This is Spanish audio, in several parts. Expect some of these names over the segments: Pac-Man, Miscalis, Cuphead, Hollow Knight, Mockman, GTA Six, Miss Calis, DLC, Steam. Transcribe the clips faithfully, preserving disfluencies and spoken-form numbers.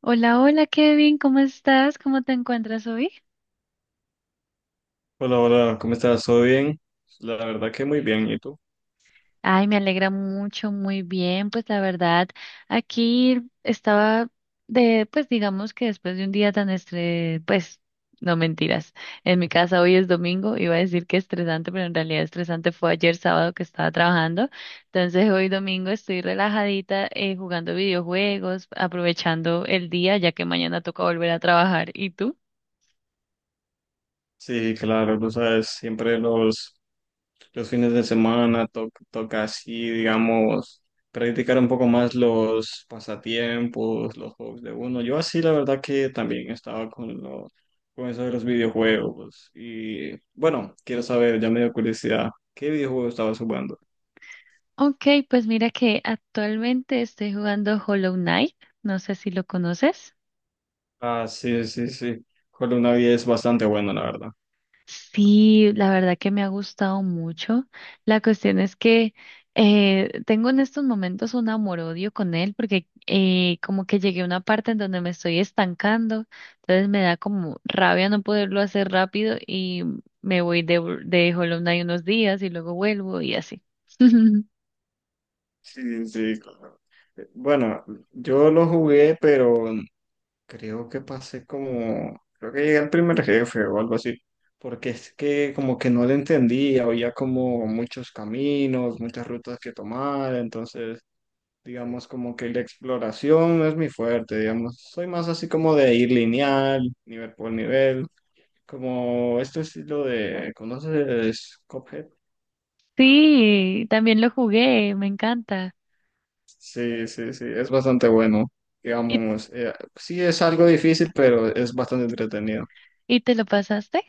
Hola, hola Kevin, ¿cómo estás? ¿Cómo te encuentras hoy? Hola, hola, ¿cómo estás? ¿Todo bien? La verdad que muy bien, ¿y tú? Ay, me alegra mucho, muy bien. Pues la verdad, aquí estaba de, pues digamos que después de un día tan estres, pues no mentiras. En mi casa hoy es domingo, iba a decir que estresante, pero en realidad estresante fue ayer sábado que estaba trabajando. Entonces hoy domingo estoy relajadita eh, jugando videojuegos, aprovechando el día, ya que mañana toca volver a trabajar. ¿Y tú? Sí, claro, tú sabes, siempre los, los fines de semana to- toca así, digamos, practicar un poco más los pasatiempos, los juegos de uno. Yo así, la verdad que también estaba con, lo- con eso de los videojuegos. Y bueno, quiero saber, ya me dio curiosidad, ¿qué videojuego estabas jugando? Ok, pues mira que actualmente estoy jugando Hollow Knight, no sé si lo conoces. Ah, sí, sí, sí. Hollow Knight es bastante bueno, la verdad. Sí, la verdad que me ha gustado mucho. La cuestión es que eh, tengo en estos momentos un amor-odio con él porque eh, como que llegué a una parte en donde me estoy estancando, entonces me da como rabia no poderlo hacer rápido y me voy de, de Hollow Knight unos días y luego vuelvo y así. Sí, sí, claro. Eh, Bueno, yo lo jugué, pero creo que pasé como, creo que llegué al primer jefe o algo así, porque es que como que no le entendía, había como muchos caminos, muchas rutas que tomar, entonces digamos como que la exploración no es mi fuerte, digamos, soy más así como de ir lineal, nivel por nivel, como este estilo de, ¿conoces Cuphead? Sí, también lo jugué, me encanta. Sí, sí, sí, es bastante bueno. ¿Y, Digamos, eh, sí es algo difícil, pero es bastante entretenido. y te lo pasaste?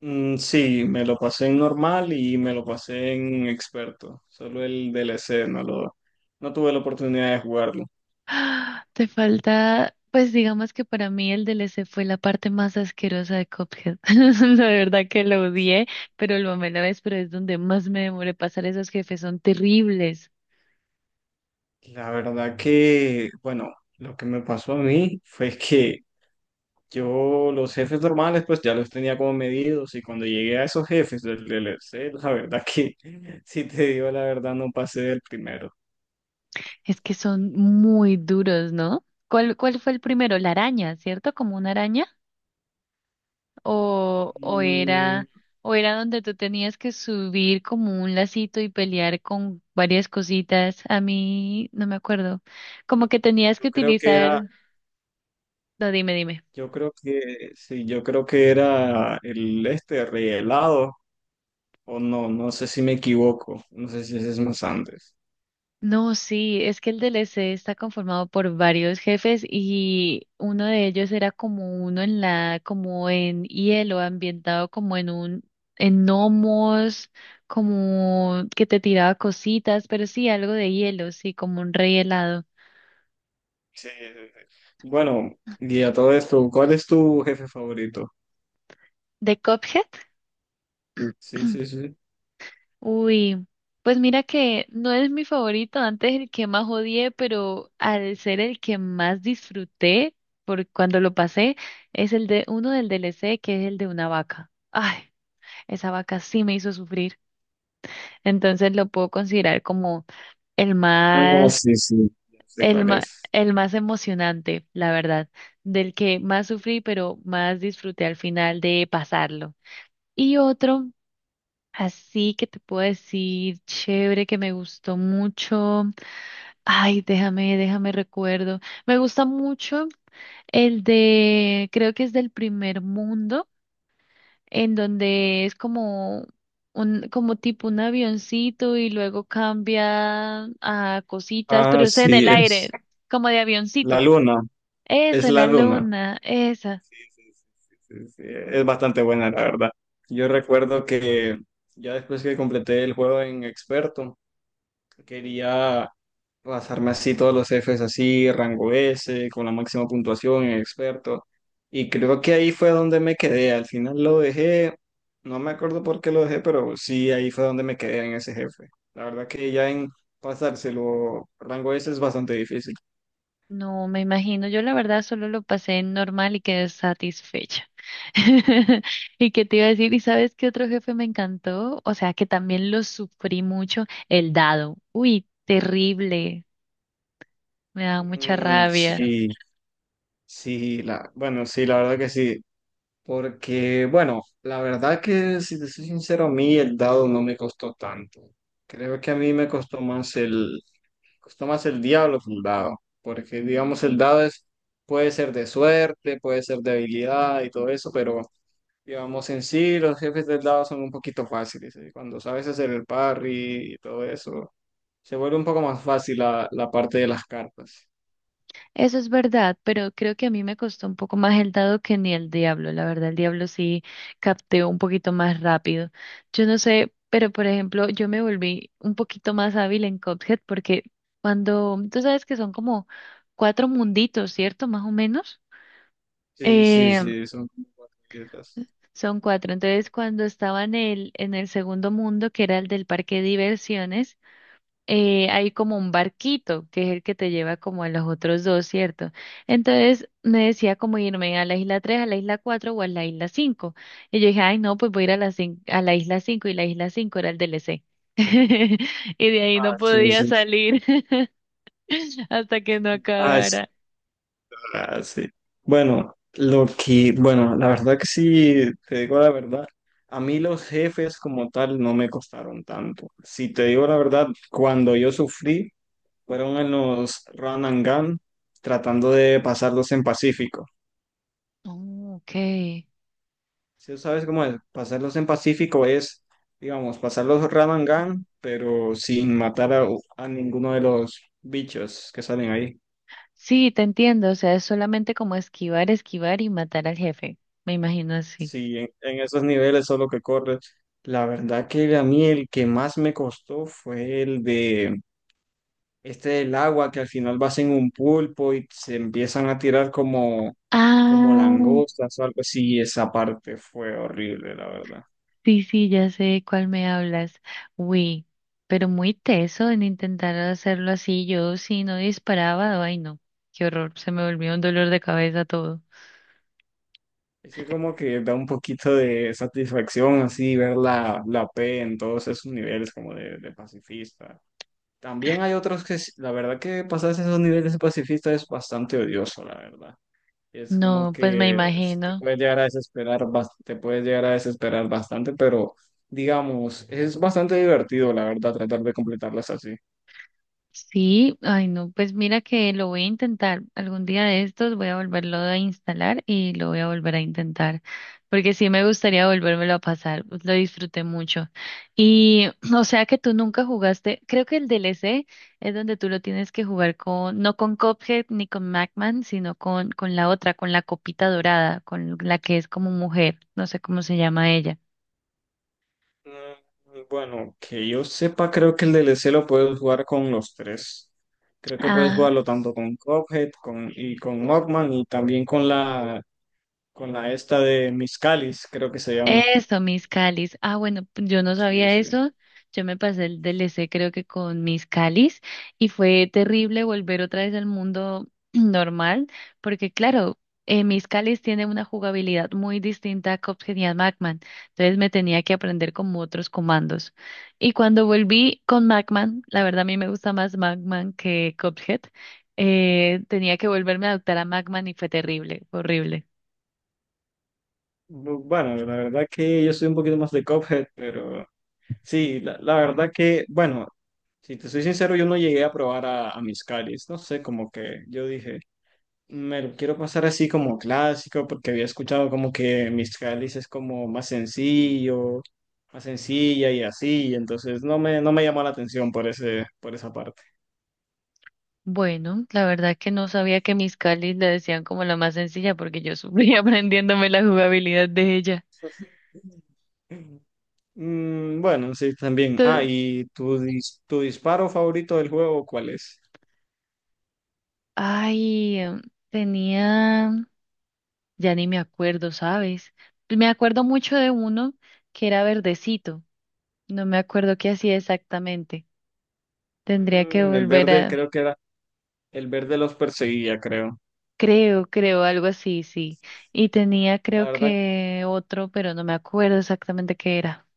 Mm, sí, me lo pasé en normal y me lo pasé en experto. Solo el D L C, no lo, no tuve la oportunidad de jugarlo. Ah, te falta, pues digamos que para mí el D L C fue la parte más asquerosa de Cuphead. La verdad que lo odié, pero lo amé a la vez, pero es donde más me demoré pasar esos jefes, son terribles. La verdad que, bueno, lo que me pasó a mí fue que yo los jefes normales pues ya los tenía como medidos y cuando llegué a esos jefes del D L C, la verdad que, si te digo la verdad, no pasé del primero. Es que son muy duros, ¿no? ¿Cuál, cuál fue el primero? La araña, ¿cierto? ¿Como una araña? ¿O, o Mm, era, o era donde tú tenías que subir como un lacito y pelear con varias cositas? A mí no me acuerdo. Como que tenías que Yo creo que era, utilizar... No, dime, dime. yo creo que, sí, yo creo que era el este rehelado, o no, no sé si me equivoco, no sé si ese es más antes. No, sí, es que el D L C está conformado por varios jefes y uno de ellos era como uno en la, como en hielo, ambientado como en un, en gnomos, como que te tiraba cositas, pero sí, algo de hielo, sí, como un rey helado. Sí, sí, sí. Bueno, y a todo esto, ¿cuál es tu jefe favorito? ¿De Cuphead? Sí, sí, sí. Uy, pues mira que no es mi favorito, antes el que más odié, pero al ser el que más disfruté por cuando lo pasé, es el de uno del D L C que es el de una vaca. Ay, esa vaca sí me hizo sufrir. Entonces lo puedo considerar como el No, más, sí, sí, ya sé el cuál más, es. el más emocionante, la verdad, del que más sufrí, pero más disfruté al final de pasarlo. Y otro así que te puedo decir, chévere, que me gustó mucho. Ay, déjame, déjame recuerdo. Me gusta mucho el de, creo que es del primer mundo, en donde es como un, como tipo un avioncito y luego cambia a cositas, Ah, pero es en sí, el aire, es como de la avioncito. luna, es Eso, la la luna. luna, esa. Sí, sí, sí, sí, es bastante buena, la verdad. Yo recuerdo que ya después que completé el juego en experto, quería pasarme así todos los Fs así, rango S, con la máxima puntuación en experto. Y creo que ahí fue donde me quedé. Al final lo dejé, no me acuerdo por qué lo dejé, pero sí, ahí fue donde me quedé en ese jefe. La verdad que ya en pasárselo rango S es bastante difícil. No, me imagino, yo la verdad solo lo pasé normal y quedé satisfecha. ¿Y qué te iba a decir? ¿Y sabes qué otro jefe me encantó? O sea, que también lo sufrí mucho, el dado. Uy, terrible, me da mucha Mm, rabia. sí, sí, la, bueno, sí, la verdad que sí. Porque, bueno, la verdad que si te soy sincero, a mí el dado no me costó tanto. Creo que a mí me costó más el, costó más el diablo que un dado, porque digamos el dado es, puede ser de suerte, puede ser de habilidad y todo eso, pero digamos en sí los jefes del dado son un poquito fáciles, ¿eh? Cuando sabes hacer el parry y todo eso, se vuelve un poco más fácil la, la parte de las cartas. Eso es verdad, pero creo que a mí me costó un poco más el dado que ni el diablo. La verdad, el diablo sí capteó un poquito más rápido. Yo no sé, pero por ejemplo, yo me volví un poquito más hábil en Cuphead porque cuando, tú sabes que son como cuatro munditos, ¿cierto? Más o menos. Sí, sí, Eh, sí, son como cuatro letras. son cuatro. Entonces, cuando estaba en el, en el segundo mundo, que era el del parque de diversiones, eh, hay como un barquito, que es el que te lleva como a los otros dos, ¿cierto? Entonces me decía como irme a la isla tres, a la isla cuatro o a la isla cinco. Y yo dije, ay, no, pues voy a ir a la, cin- a la isla cinco y la isla cinco era el D L C. Y de ahí Ah, no sí, podía sí, sí. salir hasta que no Ah, acabara. ah, sí. Bueno, lo que, bueno, la verdad que sí, te digo la verdad, a mí los jefes como tal no me costaron tanto. Si te digo la verdad, cuando yo sufrí, fueron en los run and gun, tratando de pasarlos en Pacífico. Oh, ok. Si sabes cómo es, pasarlos en Pacífico es, digamos, pasar los run and gun, pero sin matar a, a ninguno de los bichos que salen ahí. Sí, te entiendo. O sea, es solamente como esquivar, esquivar y matar al jefe. Me imagino así. Sí, en, en esos niveles solo que corres. La verdad que a mí el que más me costó fue el de este del agua, que al final vas en un pulpo y se empiezan a tirar como, como Ah. langostas o algo así. Esa parte fue horrible, la verdad. Sí, sí, ya sé de cuál me hablas. Uy, pero muy teso en intentar hacerlo así. Yo si no disparaba, ay no, qué horror, se me volvió un dolor de cabeza todo. Es que como que da un poquito de satisfacción así ver la, la P en todos esos niveles como de, de pacifista. También hay otros que, s- la verdad que pasarse esos niveles de pacifista es bastante odioso, la verdad. Es como No, pues me que sí te imagino. puedes llegar a desesperar, bas- te puedes llegar a desesperar bastante, pero digamos, es bastante divertido, la verdad, tratar de completarlas así. Sí, ay no, pues mira que lo voy a intentar. Algún día de estos voy a volverlo a instalar y lo voy a volver a intentar, porque sí me gustaría volvérmelo a pasar, pues lo disfruté mucho. Y o sea que tú nunca jugaste, creo que el D L C es donde tú lo tienes que jugar con, no con Cuphead ni con Macman, sino con, con la otra, con la copita dorada, con la que es como mujer, no sé cómo se llama ella. Mm, bueno, que yo sepa, creo que el D L C lo puedes jugar con los tres. Creo que puedes jugarlo tanto con Cuphead con, y con Mockman y también con la, con la esta de Miscalis, creo que se llama. Eso, Miss Calis. Ah, bueno, p- yo no Sí, sabía sí. eso. Yo me pasé el D L C creo que con Miss Calis y fue terrible volver otra vez al mundo normal, porque claro, eh, Miss Calis tiene una jugabilidad muy distinta a Cuphead y a Pac-Man, entonces me tenía que aprender como otros comandos. Y cuando volví con Pac-Man, la verdad a mí me gusta más Pac-Man que Cuphead, eh, tenía que volverme a adaptar a Pac-Man y fue terrible, horrible. Bu- Bueno, la verdad que yo soy un poquito más de Cuphead, pero sí, la, la verdad que, bueno, si te soy sincero, yo no llegué a probar a, a mis, no sé, como que yo dije, me lo quiero pasar así como clásico, porque había escuchado como que mis es como más sencillo, más sencilla y así. Y entonces no me, no me llamó la atención por ese, por esa parte. Bueno, la verdad que no sabía que mis Calis la decían como la más sencilla porque yo sufrí aprendiéndome la jugabilidad de ella. Mm, bueno, sí, también. Ah, Te- ¿y tu, dis- tu disparo favorito del juego cuál es? Ay, em, tenía, ya ni me acuerdo, ¿sabes? Me acuerdo mucho de uno que era verdecito. No me acuerdo qué hacía exactamente. Tendría que Mm, el volver verde, a, creo que era. El verde los perseguía, creo. creo, creo, algo así, sí. Y tenía, La creo verdad, que otro, pero no me acuerdo exactamente qué era.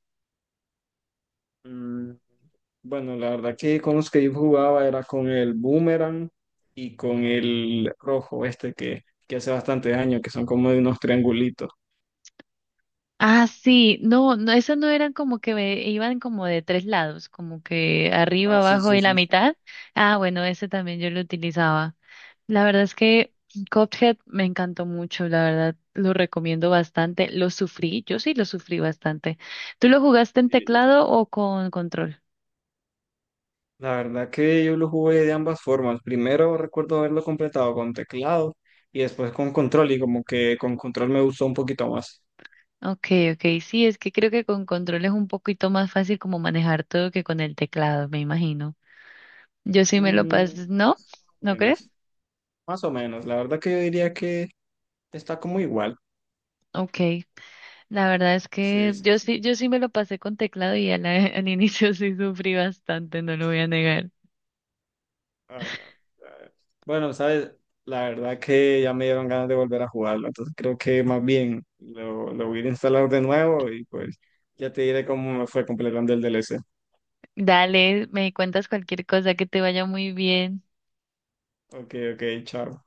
bueno, la verdad que con los que yo jugaba era con el Boomerang y con el rojo este que, que hace bastante daño, que son como de unos triangulitos. Ah, sí, no, no, esas no eran como que ve- iban como de tres lados, como que arriba, Ah, sí, abajo sí, y la sí, sí, mitad. Ah, bueno, ese también yo lo utilizaba. La verdad es que Cuphead me encantó mucho, la verdad, lo recomiendo bastante. Lo sufrí, yo sí lo sufrí bastante. ¿Tú lo jugaste en sí. teclado o con control? La verdad que yo lo jugué de ambas formas. Primero recuerdo haberlo completado con teclado y después con control y como que con control me gustó un poquito más. Ok, ok, sí, es que creo que con control es un poquito más fácil como manejar todo que con el teclado, me imagino. Yo sí me lo Mm, pasé, ¿no? ¿No crees? menos, más o menos. La verdad que yo diría que está como igual. Ok. La verdad es Sí, que yo sí. sí, yo sí me lo pasé con teclado y al, al inicio sí sufrí bastante, no lo voy a negar. Ah, no. Ah, bueno, sabes, la verdad que ya me dieron ganas de volver a jugarlo, entonces creo que más bien lo, lo voy a instalar de nuevo y pues ya te diré cómo me fue completando el D L C. Dale, me cuentas cualquier cosa, que te vaya muy bien. Ok, ok, chao.